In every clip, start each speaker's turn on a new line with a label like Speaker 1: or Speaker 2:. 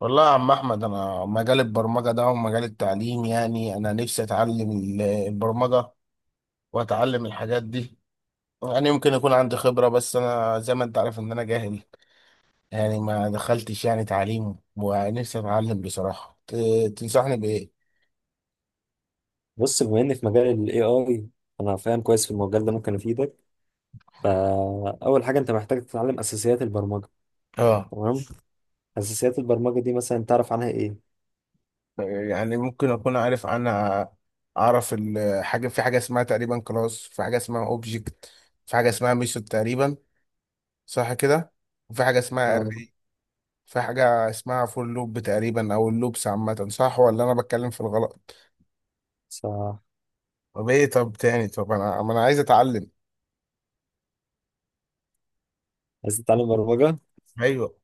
Speaker 1: والله يا عم احمد، انا مجال البرمجه ده ومجال التعليم، يعني انا نفسي اتعلم البرمجه واتعلم الحاجات دي. يعني يمكن يكون عندي خبره، بس انا زي ما انت عارف ان انا جاهل، يعني ما دخلتش يعني تعليم، ونفسي اتعلم بصراحه. تنصحني بايه؟
Speaker 2: بص، بما اني في مجال الاي اي، انا فاهم كويس في المجال ده، ممكن افيدك. فاول حاجه انت محتاج تتعلم اساسيات البرمجه.
Speaker 1: اه.
Speaker 2: تمام. اساسيات البرمجه دي مثلا تعرف عنها ايه؟
Speaker 1: يعني ممكن اكون عارف، انا اعرف الحاجه. في حاجه اسمها تقريبا كلاس، في حاجه اسمها اوبجكت، في حاجه اسمها ميثود تقريبا، صح كده؟ وفي حاجه اسمها
Speaker 2: اه،
Speaker 1: array، في حاجة اسمها فور لوب تقريبا، أو اللوبس عامة، صح ولا أنا بتكلم في الغلط؟
Speaker 2: صح.
Speaker 1: طب إيه؟ طب تاني، طب أنا، ما أنا عايز أتعلم.
Speaker 2: عايز تتعلم برمجه.
Speaker 1: ايوه.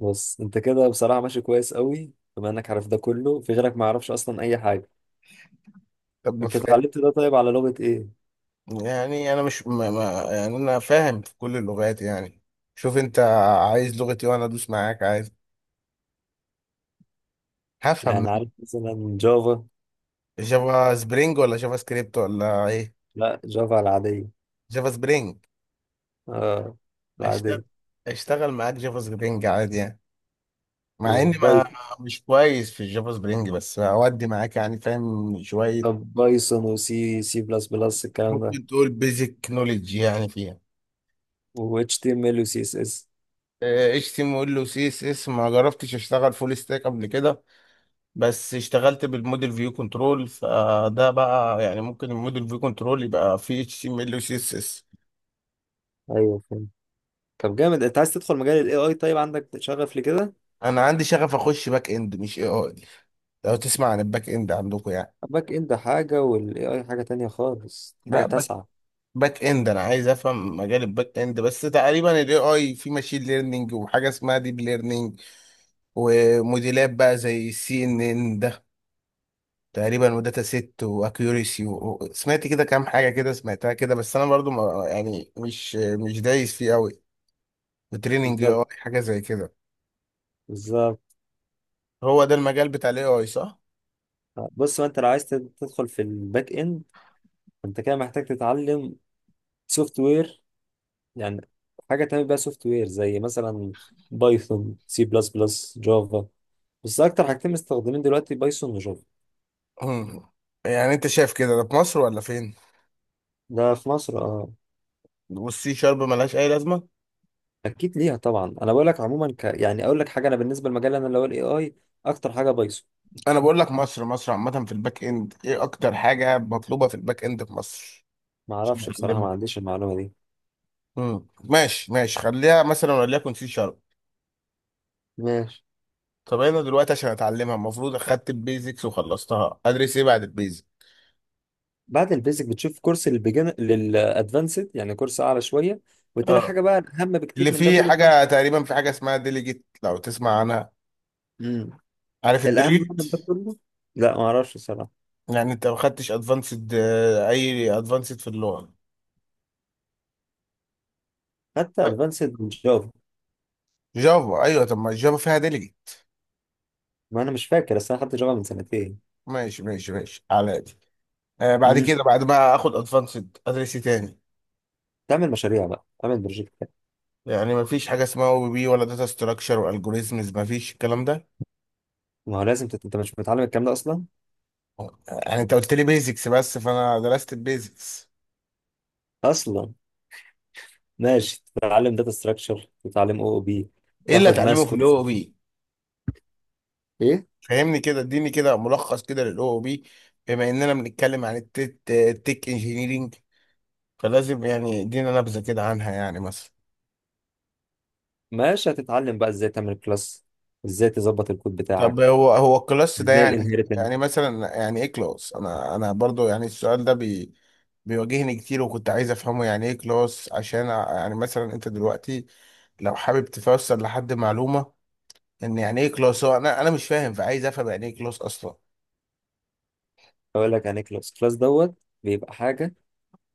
Speaker 2: بص، انت كده بصراحه ماشي كويس قوي، بما انك عارف ده كله، في غيرك ما يعرفش اصلا اي حاجه.
Speaker 1: طب ما
Speaker 2: انت
Speaker 1: فا-
Speaker 2: اتعلمت ده طيب على لغه ايه؟
Speaker 1: يعني أنا مش، ما، يعني أنا فاهم في كل اللغات يعني. شوف أنت عايز لغتي وأنا أدوس معاك، عايز هفهم.
Speaker 2: يعني عارف مثلا جافا؟
Speaker 1: جافا سبرينج ولا جافا سكريبت ولا إيه؟
Speaker 2: لا، جافا العاديه.
Speaker 1: جافا سبرينج.
Speaker 2: اه، العاديه.
Speaker 1: أشتغل، أشتغل معاك جافا سبرينج عادي يعني، مع إني ما
Speaker 2: وبايثون.
Speaker 1: مش كويس في الجافا سبرينج، بس أودي معاك يعني، فاهم شوية.
Speaker 2: بايثون وسي سي بلس بلس الكلام ده،
Speaker 1: ممكن تقول بيزك نوليدج يعني فيها.
Speaker 2: و HTML و CSS.
Speaker 1: اتش تي ام ال وسي اس اس. ما جربتش اشتغل فول ستاك قبل كده، بس اشتغلت بالموديل فيو كنترول. فده بقى يعني، ممكن الموديل فيو كنترول يبقى فيه اتش تي ام ال وسي اس اس.
Speaker 2: ايوه، فهمت. طب جامد. انت عايز تدخل مجال ال AI؟ طيب عندك شغف لكده؟
Speaker 1: انا عندي شغف اخش باك اند، مش اي اي. لو تسمع عن الباك اند عندكم يعني.
Speaker 2: الباك اند حاجة وال AI حاجة تانية خالص، حاجة
Speaker 1: لا، باك،
Speaker 2: تاسعة.
Speaker 1: باك اند، انا عايز افهم مجال الباك اند. بس تقريبا الاي اي في ماشين ليرنينج، وحاجه اسمها ديب ليرنينج، وموديلات بقى زي السي ان ان تقريبا، وداتا ست، واكيوريسي، و... سمعت كده كام حاجه كده، سمعتها كده، بس انا برضو ما يعني، مش دايس فيه قوي بتريننج
Speaker 2: بالظبط،
Speaker 1: اي حاجه زي كده.
Speaker 2: بالظبط.
Speaker 1: هو ده المجال بتاع الاي اي صح؟
Speaker 2: بص، ما انت لو عايز تدخل في الباك اند، انت كده محتاج تتعلم سوفت وير، يعني حاجة تعمل بيها سوفت وير، زي مثلا بايثون، سي بلس بلس، جافا. بس اكتر حاجتين مستخدمين دلوقتي بايثون وجافا.
Speaker 1: مم. يعني انت شايف كده، ده في مصر ولا فين؟
Speaker 2: ده في مصر، اه.
Speaker 1: والسي شارب ملهاش اي لازمه؟
Speaker 2: اكيد ليها طبعا. انا بقول لك عموما يعني اقول لك حاجه، انا بالنسبه لمجال انا اللي هو الاي اي، اكتر حاجه بايثون.
Speaker 1: انا بقول لك مصر عامه، في الباك اند ايه اكتر حاجه مطلوبه في الباك اند في مصر؟
Speaker 2: ما
Speaker 1: عشان
Speaker 2: اعرفش بصراحه، ما
Speaker 1: اتعلمها.
Speaker 2: عنديش المعلومه دي.
Speaker 1: ماشي ماشي، خليها مثلا وليكن سي شارب.
Speaker 2: ماشي.
Speaker 1: طب انا دلوقتي عشان اتعلمها، المفروض اخدت البيزكس وخلصتها، ادرس ايه بعد البيزكس؟
Speaker 2: بعد البيزك بتشوف كورس للبيجن للادفانسد، يعني كورس اعلى شويه. وتاني
Speaker 1: اه.
Speaker 2: حاجه بقى الاهم
Speaker 1: اللي
Speaker 2: بكتير من ده
Speaker 1: فيه
Speaker 2: كله طبعاً.
Speaker 1: حاجه تقريبا، في حاجه اسمها ديليجيت، لو تسمع عنها.
Speaker 2: امم
Speaker 1: عارف
Speaker 2: الاهم بقى
Speaker 1: الديليجيت؟
Speaker 2: من ده كله، لا ما اعرفش الصراحه.
Speaker 1: يعني انت ما خدتش ادفانسد؟ اي ادفانسد في اللغه.
Speaker 2: حتى ادفانسد من جافا،
Speaker 1: جافا، ايوه، طب ما الجافا فيها ديليجيت.
Speaker 2: ما انا مش فاكر، اصل انا خدت جافا من سنتين.
Speaker 1: ماشي ماشي ماشي على دي. آه، بعد
Speaker 2: امم
Speaker 1: كده، بعد ما اخد ادفانسد، ادرس إيه تاني؟
Speaker 2: تعمل مشاريع بقى، تعمل بروجكتات.
Speaker 1: يعني ما فيش حاجه اسمها او بي بي، ولا داتا ستراكشر والجوريزمز؟ ما فيش الكلام ده؟
Speaker 2: ما هو لازم انت مش متعلم الكلام ده اصلا
Speaker 1: يعني انت قلت لي بيزكس بس، فانا درست البيزكس.
Speaker 2: اصلا. ماشي، تتعلم داتا ستراكشر، تتعلم او بي.
Speaker 1: ايه اللي
Speaker 2: تاخد
Speaker 1: اتعلمه
Speaker 2: ماس
Speaker 1: في
Speaker 2: كورس.
Speaker 1: الاو بي؟
Speaker 2: ايه؟
Speaker 1: فهمني كده، اديني كده ملخص كده للاو او بي، بما اننا بنتكلم عن التك انجينيرينج، فلازم يعني ادينا نبذه كده عنها يعني، مثلا.
Speaker 2: ماشي، هتتعلم بقى ازاي تعمل كلاس، ازاي تظبط الكود
Speaker 1: طب
Speaker 2: بتاعك،
Speaker 1: هو، هو الكلاس ده
Speaker 2: ازاي
Speaker 1: يعني،
Speaker 2: الانهيرتنس.
Speaker 1: يعني مثلا، يعني ايه كلاس؟ انا برضو يعني، السؤال ده بيواجهني كتير، وكنت عايز افهمه. يعني ايه كلاس؟ عشان يعني مثلا، انت دلوقتي لو حابب تفسر لحد معلومه، ان يعني ايه كلاس؟ هو انا مش فاهم، فعايز افهم يعني ايه كلاس اصلا.
Speaker 2: اقول لك يعني كلاس. كلاس دوت بيبقى حاجه،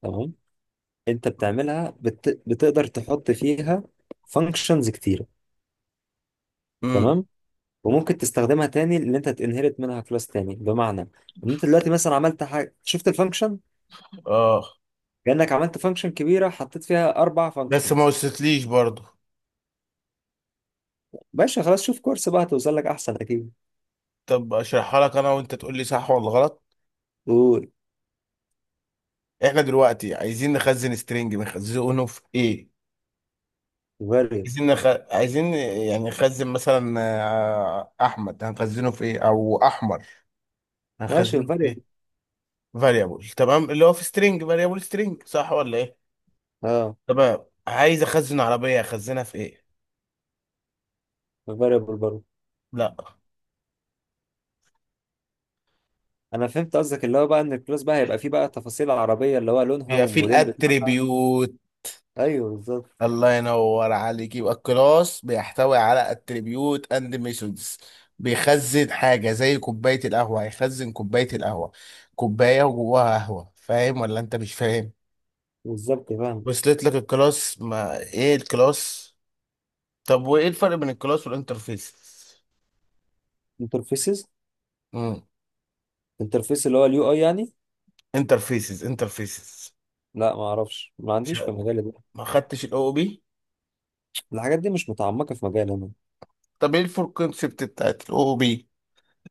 Speaker 2: تمام؟ انت بتعملها بتقدر تحط فيها فانكشنز كتيره،
Speaker 1: امم
Speaker 2: تمام؟ وممكن تستخدمها تاني، اللي انت تنهرت منها كلاس تاني، بمعنى ان انت دلوقتي مثلا عملت حاجه، شفت الفانكشن؟
Speaker 1: اه،
Speaker 2: كانك عملت فانكشن كبيره حطيت فيها اربع
Speaker 1: بس ما
Speaker 2: فانكشنز.
Speaker 1: وصلتليش برضو.
Speaker 2: باشا خلاص، شوف كورس بقى، هتوصل لك احسن اكيد.
Speaker 1: طب اشرحها لك انا، وانت تقول لي صح ولا غلط.
Speaker 2: قول.
Speaker 1: احنا دلوقتي عايزين نخزن سترينج، بنخزنه في ايه؟
Speaker 2: فاريبل.
Speaker 1: عايزين نخ... عايزين يعني نخزن مثلا، آه، احمد، هنخزنه في ايه؟ او احمر،
Speaker 2: ماشي،
Speaker 1: هنخزنه في
Speaker 2: فاريبل.
Speaker 1: ايه؟ فاريبل، تمام. اللي هو في سترينج، فاريبل سترينج، صح ولا ايه؟
Speaker 2: اه،
Speaker 1: تمام. عايز اخزن عربية، اخزنها في ايه؟
Speaker 2: فاريبل برضه.
Speaker 1: لا.
Speaker 2: انا فهمت قصدك، اللي هو بقى ان الكلاس بقى هيبقى فيه بقى تفاصيل عربيه، اللي هو لونها
Speaker 1: هي في
Speaker 2: والموديل بتاعها.
Speaker 1: الاتريبيوت.
Speaker 2: ايوه، بالظبط.
Speaker 1: الله ينور عليك. يبقى الكلاس بيحتوي على اتريبيوت اند ميثودز. بيخزن حاجه زي كوبايه القهوه، هيخزن كوبايه القهوه، كوبايه وجواها قهوه، فاهم ولا انت مش فاهم؟
Speaker 2: بالظبط، فاهم.
Speaker 1: وصلت لك الكلاس، ما ايه الكلاس. طب وايه الفرق بين الكلاس والانترفيس؟
Speaker 2: انترفيسز.
Speaker 1: امم
Speaker 2: انترفيس اللي هو اليو اي يعني.
Speaker 1: انترفيسز.
Speaker 2: لا، ما اعرفش، ما
Speaker 1: مش
Speaker 2: عنديش في
Speaker 1: ه-
Speaker 2: مجالي ده.
Speaker 1: ما خدتش الاو بي.
Speaker 2: الحاجات دي مش متعمقه في مجالي انا.
Speaker 1: طب ايه الفور كونسبت بتاعت الاو بي؟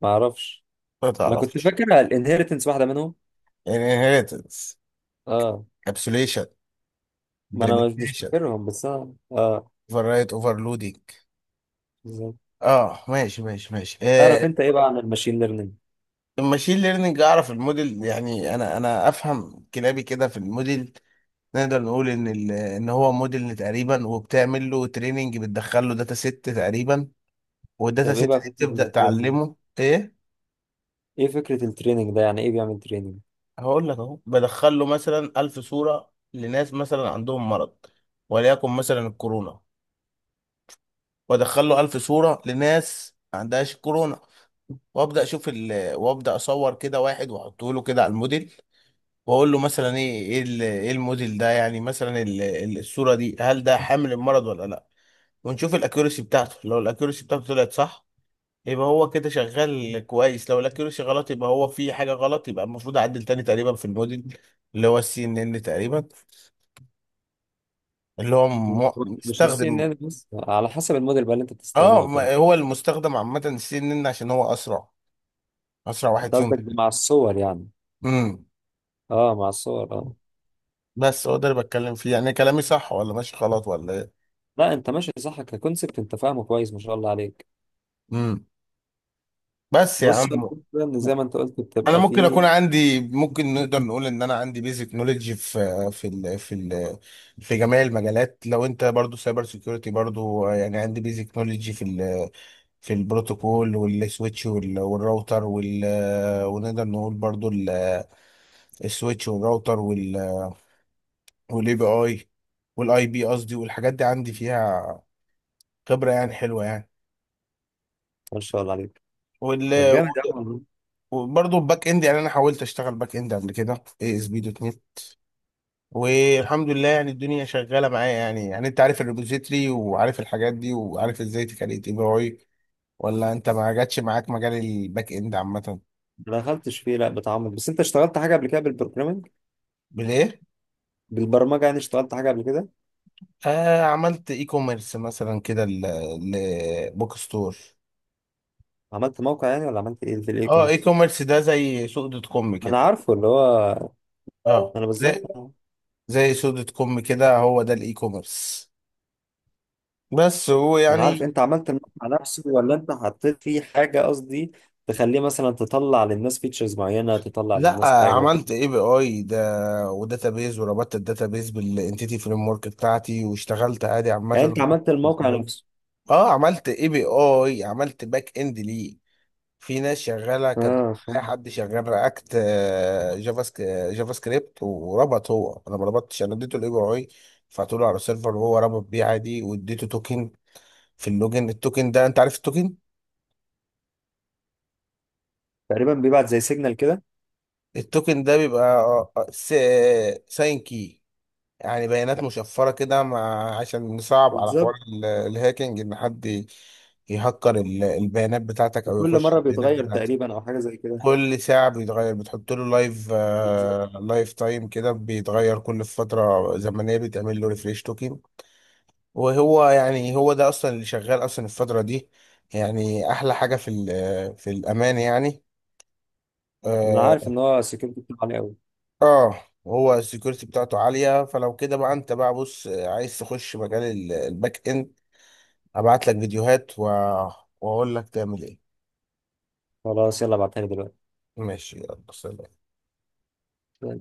Speaker 2: ما اعرفش.
Speaker 1: ما
Speaker 2: انا كنت
Speaker 1: تعرفش.
Speaker 2: فاكر الانهيرتنس واحده منهم.
Speaker 1: انهيرتنس،
Speaker 2: اه.
Speaker 1: ابسوليشن،
Speaker 2: ما انا مش
Speaker 1: implementation،
Speaker 2: فاكرهم، بس انا اه.
Speaker 1: اوفر رايت، اوفرلودنج.
Speaker 2: بالظبط.
Speaker 1: اه ماشي ماشي ماشي،
Speaker 2: تعرف
Speaker 1: آه.
Speaker 2: انت ايه بقى عن الماشين ليرنينج؟
Speaker 1: الماشين ليرنينج، اعرف الموديل يعني، انا افهم كلابي كده في الموديل. نقدر نقول ان ان هو موديل تقريبا، وبتعمل له تريننج، بتدخل له داتا ست تقريبا، والداتا
Speaker 2: طب ايه
Speaker 1: ست
Speaker 2: بقى
Speaker 1: دي
Speaker 2: فكره
Speaker 1: تبدا
Speaker 2: التريننج؟
Speaker 1: تعلمه ايه.
Speaker 2: ايه فكره التريننج ده؟ يعني ايه بيعمل تريننج؟
Speaker 1: هقول لك اهو، بدخل له مثلا 1000 صوره لناس مثلا عندهم مرض، وليكن مثلا الكورونا، وادخل له 1000 صوره لناس ما عندهاش كورونا، وابدا اشوف ال...، وابدا اصور كده واحد واحطه له كده على الموديل، واقول له مثلا ايه، ايه إيه الموديل ده يعني، مثلا ال...، الصوره دي هل ده حامل المرض ولا لا. ونشوف الاكيورسي بتاعته. لو الاكيورسي بتاعته طلعت صح، يبقى هو كده شغال كويس. لو الاكيورسي غلط، يبقى هو في حاجه غلط، يبقى المفروض اعدل تاني تقريبا في الموديل، اللي هو السي ان ان تقريبا، اللي هو
Speaker 2: مش السي ان
Speaker 1: مستخدم.
Speaker 2: ان بس، على حسب الموديل بقى اللي انت
Speaker 1: اه،
Speaker 2: بتستخدمه فين.
Speaker 1: هو المستخدم عامه السي ان ان عشان هو اسرع، اسرع واحد
Speaker 2: انت قصدك ده مع الصور يعني؟
Speaker 1: فيهم.
Speaker 2: اه، مع الصور، اه.
Speaker 1: بس هو ده اللي بتكلم فيه يعني، كلامي صح ولا ماشي غلط ولا ايه؟
Speaker 2: لا، انت ماشي صح ككونسبت، انت فاهمه كويس، ما شاء الله عليك.
Speaker 1: امم. بس يا
Speaker 2: بص، هو
Speaker 1: عم،
Speaker 2: الفكرة ان زي ما انت قلت
Speaker 1: انا
Speaker 2: بتبقى
Speaker 1: ممكن
Speaker 2: فيه.
Speaker 1: اكون عندي، ممكن نقدر نقول ان انا عندي بيزك نوليدج في ال في جميع المجالات. لو انت برضو سايبر سيكيورتي برضو، يعني عندي بيزك نوليدج في ال، في البروتوكول والسويتش والراوتر وال، ونقدر نقول برضو السويتش والراوتر وال، والاي بي اي، والاي بي قصدي، والحاجات دي عندي فيها خبرة يعني حلوة يعني.
Speaker 2: ما شاء الله عليك.
Speaker 1: وال،
Speaker 2: طب جامد يا عم والله.
Speaker 1: وبرضه الباك اند، يعني انا حاولت اشتغل باك اند قبل كده، اي اس بي دوت نت، والحمد لله يعني الدنيا شغاله معايا يعني. يعني انت عارف الريبوزيتري، وعارف الحاجات دي، وعارف ازاي تكريت اي بي اي، ولا انت ما جاتش معاك مجال الباك اند عامه؟
Speaker 2: ما دخلتش فيه لا بتعمق. بس انت اشتغلت حاجه قبل كده بالبروجرامنج؟
Speaker 1: بالايه؟
Speaker 2: بالبرمجه يعني، اشتغلت حاجه قبل كده؟
Speaker 1: آه، عملت اي كوميرس مثلا كده، لبوك ستور.
Speaker 2: عملت موقع يعني، ولا عملت ايه في الاي
Speaker 1: اه، اي
Speaker 2: كوميرس؟
Speaker 1: كوميرس ده زي سوق دوت كوم
Speaker 2: انا
Speaker 1: كده.
Speaker 2: عارفه اللي هو.
Speaker 1: اه،
Speaker 2: انا بالظبط،
Speaker 1: زي،
Speaker 2: آه.
Speaker 1: زي سوق دوت كوم كده، هو ده الاي كوميرس. بس هو آه،
Speaker 2: انا عارف،
Speaker 1: يعني.
Speaker 2: انت عملت المقطع نفسه، ولا انت حطيت فيه حاجه قصدي تخليه مثلا تطلع للناس فيتشرز معينه، تطلع
Speaker 1: لا،
Speaker 2: للناس حاجه
Speaker 1: عملت
Speaker 2: كده؟
Speaker 1: اي بي اي ده وداتابيز، وربطت الداتابيز بالانتيتي فريم ورك بتاعتي، واشتغلت عادي عامه.
Speaker 2: يعني انت عملت الموقع نفسه.
Speaker 1: اه، عملت اي بي اي، عملت باك اند ليه. في ناس شغاله كان،
Speaker 2: اه،
Speaker 1: اي
Speaker 2: فاهم.
Speaker 1: حد شغال رياكت، جافا سك- جافا سكريبت، وربط هو، انا ما ربطتش، انا اديته الاي بي اي، رفعته له على السيرفر، وهو ربط بيه عادي. واديته توكن في اللوجن. التوكن ده، انت عارف التوكن؟
Speaker 2: تقريبا بيبعت زي سيجنال كده.
Speaker 1: التوكن ده بيبقى ساين كي، يعني بيانات مشفرة كده، مع عشان نصعب على حوار
Speaker 2: بالظبط.
Speaker 1: الهاكينج، إن حد يهكر البيانات بتاعتك، أو
Speaker 2: وكل
Speaker 1: يخش
Speaker 2: مره
Speaker 1: البيانات
Speaker 2: بيتغير
Speaker 1: بتاعتك.
Speaker 2: تقريبا، او حاجه زي كده.
Speaker 1: كل ساعة بيتغير، بتحط له لايف،
Speaker 2: بالظبط.
Speaker 1: آه، لايف تايم كده، بيتغير كل فترة زمنية، بتعمل له ريفريش توكن. وهو يعني، هو ده أصلا اللي شغال أصلا الفترة دي، يعني أحلى حاجة في ال، في الأمان يعني.
Speaker 2: انا عارف
Speaker 1: آه.
Speaker 2: ان هو سكيورتي بتاعه عالي قوي.
Speaker 1: آه، هو السكيورتي بتاعته عالية. فلو كده بقى، أنت بقى بص، آه، عايز تخش مجال الباك إند، ابعت لك فيديوهات و...، واقول لك تعمل ايه.
Speaker 2: خلاص، يلا ابعتها لي دلوقتي.
Speaker 1: ماشي، يلا سلام.